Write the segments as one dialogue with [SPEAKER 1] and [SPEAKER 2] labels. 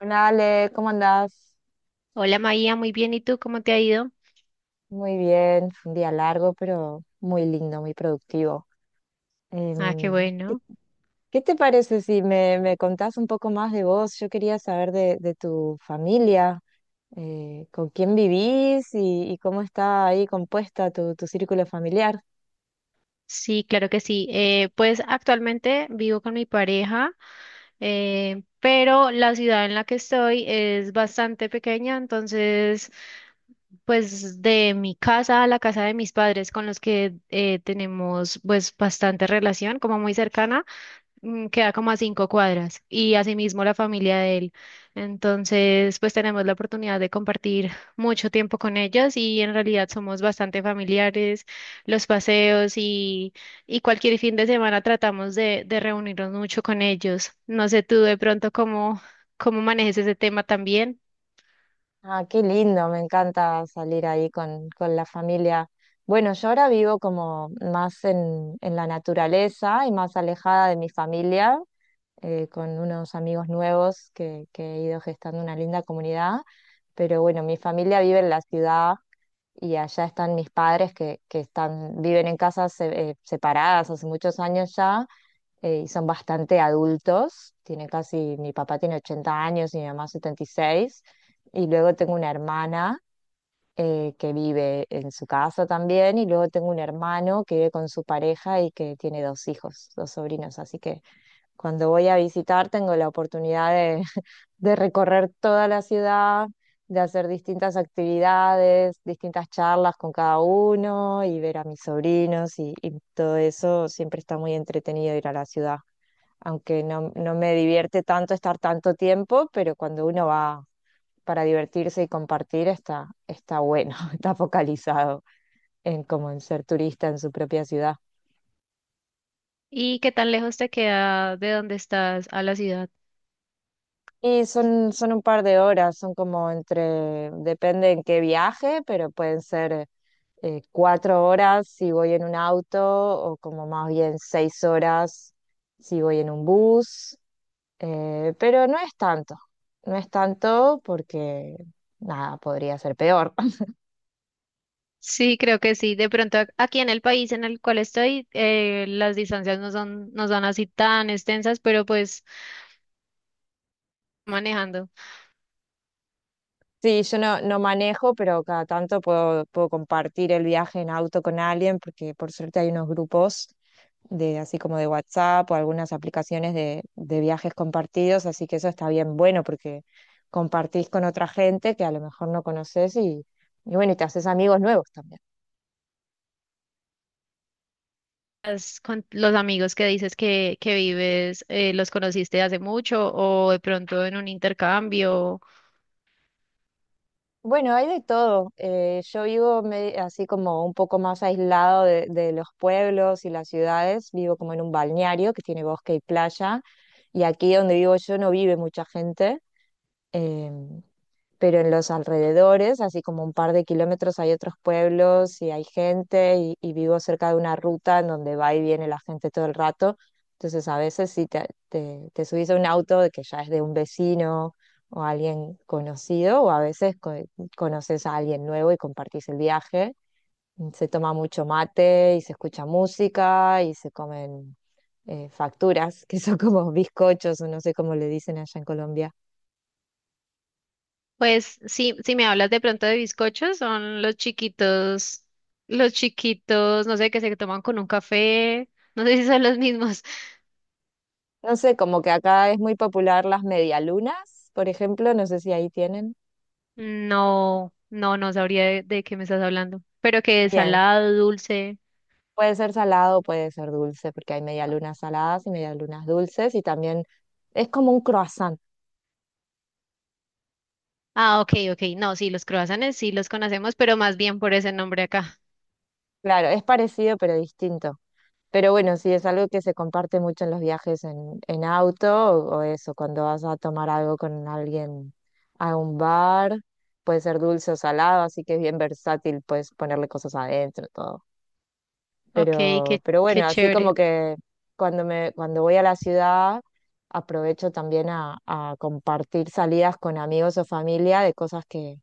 [SPEAKER 1] Hola Ale, ¿cómo andás?
[SPEAKER 2] Hola María, muy bien. ¿Y tú cómo te ha ido?
[SPEAKER 1] Muy bien, fue un día largo, pero muy lindo, muy productivo.
[SPEAKER 2] Ah, qué
[SPEAKER 1] Em, ¿qué,
[SPEAKER 2] bueno.
[SPEAKER 1] ¿qué te parece si me contás un poco más de vos? Yo quería saber de tu familia, con quién vivís y cómo está ahí compuesta tu círculo familiar?
[SPEAKER 2] Sí, claro que sí. Pues actualmente vivo con mi pareja, pero la ciudad en la que estoy es bastante pequeña, entonces pues de mi casa a la casa de mis padres con los que tenemos pues bastante relación, como muy cercana. Queda como a 5 cuadras y asimismo la familia de él. Entonces, pues tenemos la oportunidad de compartir mucho tiempo con ellas y en realidad somos bastante familiares, los paseos y cualquier fin de semana tratamos de reunirnos mucho con ellos. No sé tú de pronto cómo manejes ese tema también.
[SPEAKER 1] Ah, qué lindo, me encanta salir ahí con la familia. Bueno, yo ahora vivo como más en la naturaleza y más alejada de mi familia, con unos amigos nuevos que he ido gestando una linda comunidad. Pero bueno, mi familia vive en la ciudad y allá están mis padres que viven en casas separadas hace muchos años ya, y son bastante adultos. Tiene casi, mi papá tiene 80 años y mi mamá 76. Y seis. Y luego tengo una hermana, que vive en su casa también, y luego tengo un hermano que vive con su pareja y que tiene dos hijos, dos sobrinos. Así que cuando voy a visitar tengo la oportunidad de de recorrer toda la ciudad, de hacer distintas actividades, distintas charlas con cada uno y ver a mis sobrinos y todo eso. Siempre está muy entretenido ir a la ciudad, aunque no me divierte tanto estar tanto tiempo, pero cuando uno va para divertirse y compartir está bueno, está focalizado en como en ser turista en su propia ciudad.
[SPEAKER 2] ¿Y qué tan lejos te queda de donde estás a la ciudad?
[SPEAKER 1] Y son un par de horas, son como entre, depende en qué viaje, pero pueden ser cuatro horas si voy en un auto, o como más bien seis horas si voy en un bus, pero no es tanto, no es tanto porque nada, podría ser peor.
[SPEAKER 2] Sí, creo que sí. De pronto aquí en el país en el cual estoy, las distancias no son, no son así tan extensas, pero pues manejando.
[SPEAKER 1] Sí, yo no manejo, pero cada tanto puedo compartir el viaje en auto con alguien, porque por suerte hay unos grupos de así como de WhatsApp o algunas aplicaciones de viajes compartidos, así que eso está bien bueno porque compartís con otra gente que a lo mejor no conoces y bueno, y te haces amigos nuevos también.
[SPEAKER 2] Has con los amigos que dices que vives, ¿los conociste hace mucho o de pronto en un intercambio?
[SPEAKER 1] Bueno, hay de todo. Yo vivo así como un poco más aislado de los pueblos y las ciudades. Vivo como en un balneario que tiene bosque y playa. Y aquí donde vivo yo no vive mucha gente, em, pero en los alrededores, así como un par de kilómetros, hay otros pueblos y hay gente y vivo cerca de una ruta en donde va y viene la gente todo el rato. Entonces a veces si te subís a un auto de que ya es de un vecino o alguien conocido, o a veces conoces a alguien nuevo y compartís el viaje. Se toma mucho mate y se escucha música y se comen facturas, que son como bizcochos o no sé cómo le dicen allá en Colombia.
[SPEAKER 2] Pues sí, si me hablas de pronto de bizcochos, son los chiquitos, no sé, que se toman con un café, no sé si son los mismos.
[SPEAKER 1] No sé, como que acá es muy popular las medialunas, por ejemplo, no sé si ahí tienen.
[SPEAKER 2] No, no, no sabría de qué me estás hablando, pero que es
[SPEAKER 1] Bien,
[SPEAKER 2] salado, ¿dulce?
[SPEAKER 1] puede ser salado, puede ser dulce, porque hay medialunas saladas y medialunas dulces, y también es como un croissant.
[SPEAKER 2] Ah, ok, ok, no, sí, los croissants sí los conocemos, pero más bien por ese nombre acá.
[SPEAKER 1] Claro, es parecido pero distinto. Pero bueno, sí, es algo que se comparte mucho en los viajes en auto o eso, cuando vas a tomar algo con alguien a un bar, puede ser dulce o salado, así que es bien versátil, puedes ponerle cosas adentro, todo.
[SPEAKER 2] Ok,
[SPEAKER 1] Pero bueno,
[SPEAKER 2] qué
[SPEAKER 1] así como
[SPEAKER 2] chévere.
[SPEAKER 1] que cuando voy a la ciudad, aprovecho también a compartir salidas con amigos o familia de cosas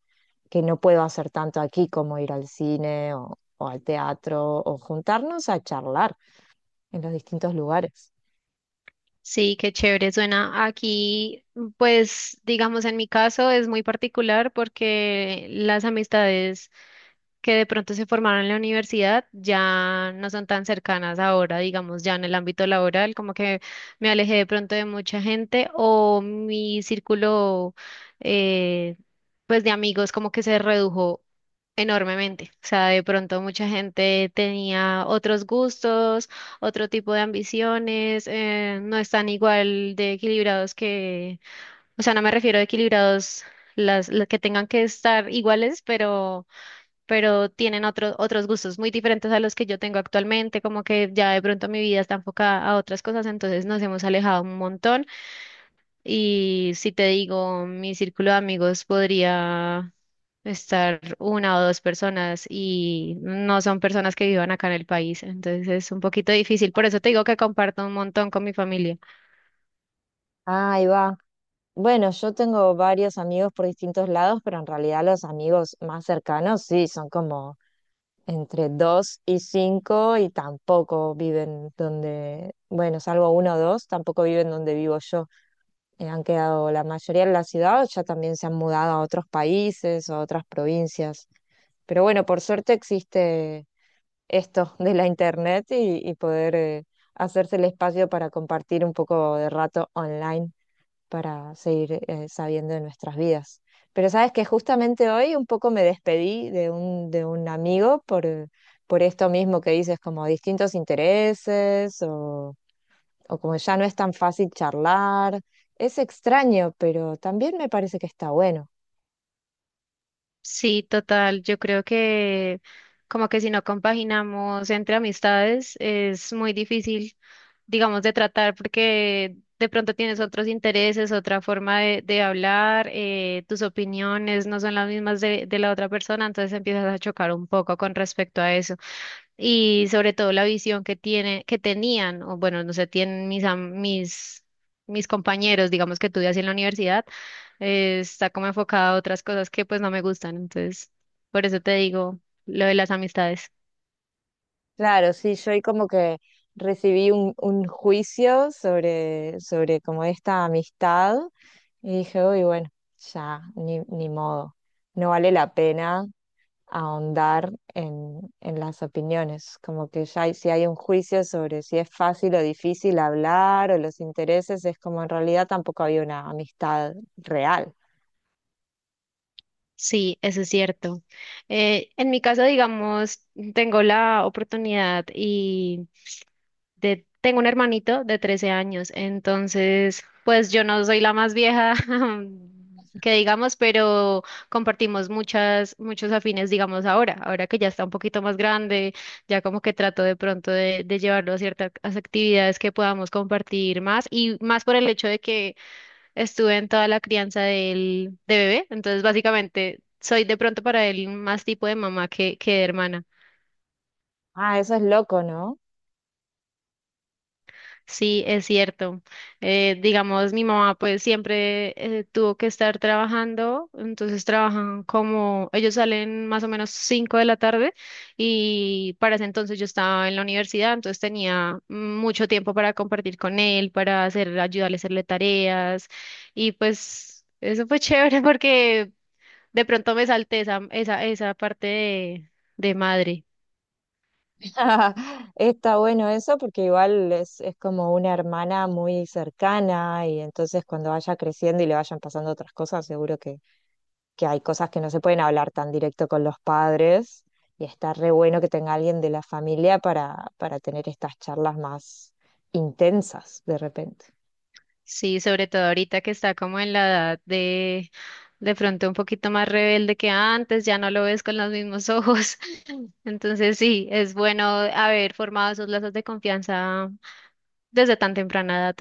[SPEAKER 1] que no puedo hacer tanto aquí, como ir al cine o al teatro, o juntarnos a charlar en los distintos lugares.
[SPEAKER 2] Sí, qué chévere suena. Aquí, pues, digamos, en mi caso es muy particular porque las amistades que de pronto se formaron en la universidad ya no son tan cercanas ahora, digamos, ya en el ámbito laboral, como que me alejé de pronto de mucha gente o mi círculo eh, pues de amigos como que se redujo enormemente. O sea, de pronto mucha gente tenía otros gustos, otro tipo de ambiciones, no están igual de equilibrados que, o sea, no me refiero a equilibrados las que tengan que estar iguales, pero tienen otros gustos muy diferentes a los que yo tengo actualmente, como que ya de pronto mi vida está enfocada a otras cosas, entonces nos hemos alejado un montón y si te digo, mi círculo de amigos podría estar una o dos personas y no son personas que vivan acá en el país, entonces es un poquito difícil, por eso te digo que comparto un montón con mi familia.
[SPEAKER 1] Ah, ahí va. Bueno, yo tengo varios amigos por distintos lados, pero en realidad los amigos más cercanos sí, son como entre 2 y 5 y tampoco viven donde, bueno, salvo uno o dos, tampoco viven donde vivo yo. Han quedado la mayoría en la ciudad, o ya también se han mudado a otros países, a otras provincias. Pero bueno, por suerte existe esto de la internet y poder hacerse el espacio para compartir un poco de rato online para seguir sabiendo de nuestras vidas. Pero sabes que justamente hoy un poco me despedí de de un amigo por esto mismo que dices, como distintos intereses o como ya no es tan fácil charlar. Es extraño, pero también me parece que está bueno.
[SPEAKER 2] Sí, total. Yo creo que como que si no compaginamos entre amistades es muy difícil, digamos, de tratar porque de pronto tienes otros intereses, otra forma de hablar, tus opiniones no son las mismas de la otra persona, entonces empiezas a chocar un poco con respecto a eso y sobre todo la visión que tiene, que tenían, o bueno, no sé, tienen mis, mis compañeros, digamos que estudié así en la universidad, está como enfocada a otras cosas que pues no me gustan, entonces por eso te digo lo de las amistades.
[SPEAKER 1] Claro, sí, yo hoy como que recibí un juicio sobre como esta amistad y dije, uy, bueno, ya, ni modo, no vale la pena ahondar en las opiniones, como que ya si hay un juicio sobre si es fácil o difícil hablar o los intereses, es como en realidad tampoco había una amistad real.
[SPEAKER 2] Sí, eso es cierto. En mi caso, digamos, tengo la oportunidad tengo un hermanito de 13 años, entonces, pues yo no soy la más vieja que digamos, pero compartimos muchos afines, digamos, ahora que ya está un poquito más grande, ya como que trato de pronto de llevarlo a ciertas actividades que podamos compartir más y más por el hecho de que estuve en toda la crianza de bebé, entonces básicamente soy de pronto para él más tipo de mamá que de hermana.
[SPEAKER 1] Ah, eso es loco, ¿no?
[SPEAKER 2] Sí, es cierto. Digamos, mi mamá pues siempre tuvo que estar trabajando, entonces trabajan como, ellos salen más o menos 5 de la tarde y para ese entonces yo estaba en la universidad, entonces tenía mucho tiempo para compartir con él, para hacer, ayudarle a hacerle tareas y pues eso fue chévere porque de pronto me salté esa parte de madre.
[SPEAKER 1] Está bueno eso porque igual es como una hermana muy cercana y entonces cuando vaya creciendo y le vayan pasando otras cosas, seguro que hay cosas que no se pueden hablar tan directo con los padres y está re bueno que tenga alguien de la familia para tener estas charlas más intensas de repente.
[SPEAKER 2] Sí, sobre todo ahorita que está como en la edad de pronto un poquito más rebelde que antes, ya no lo ves con los mismos ojos. Entonces sí, es bueno haber formado esos lazos de confianza desde tan temprana edad.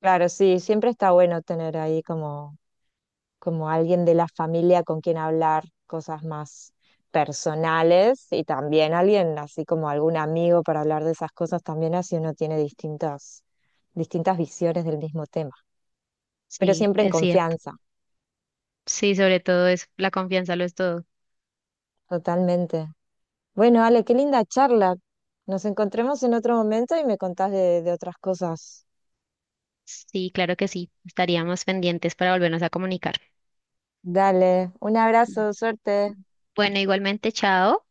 [SPEAKER 1] Claro, sí, siempre está bueno tener ahí como, como alguien de la familia con quien hablar cosas más personales y también alguien así como algún amigo para hablar de esas cosas también así uno tiene distintas, distintas visiones del mismo tema, pero
[SPEAKER 2] Sí,
[SPEAKER 1] siempre en
[SPEAKER 2] es cierto.
[SPEAKER 1] confianza,
[SPEAKER 2] Sí, sobre todo es la confianza lo es todo.
[SPEAKER 1] totalmente. Bueno, Ale, qué linda charla. Nos encontremos en otro momento y me contás de otras cosas.
[SPEAKER 2] Sí, claro que sí. Estaríamos pendientes para volvernos a comunicar.
[SPEAKER 1] Dale, un abrazo, suerte.
[SPEAKER 2] Bueno, igualmente, chao.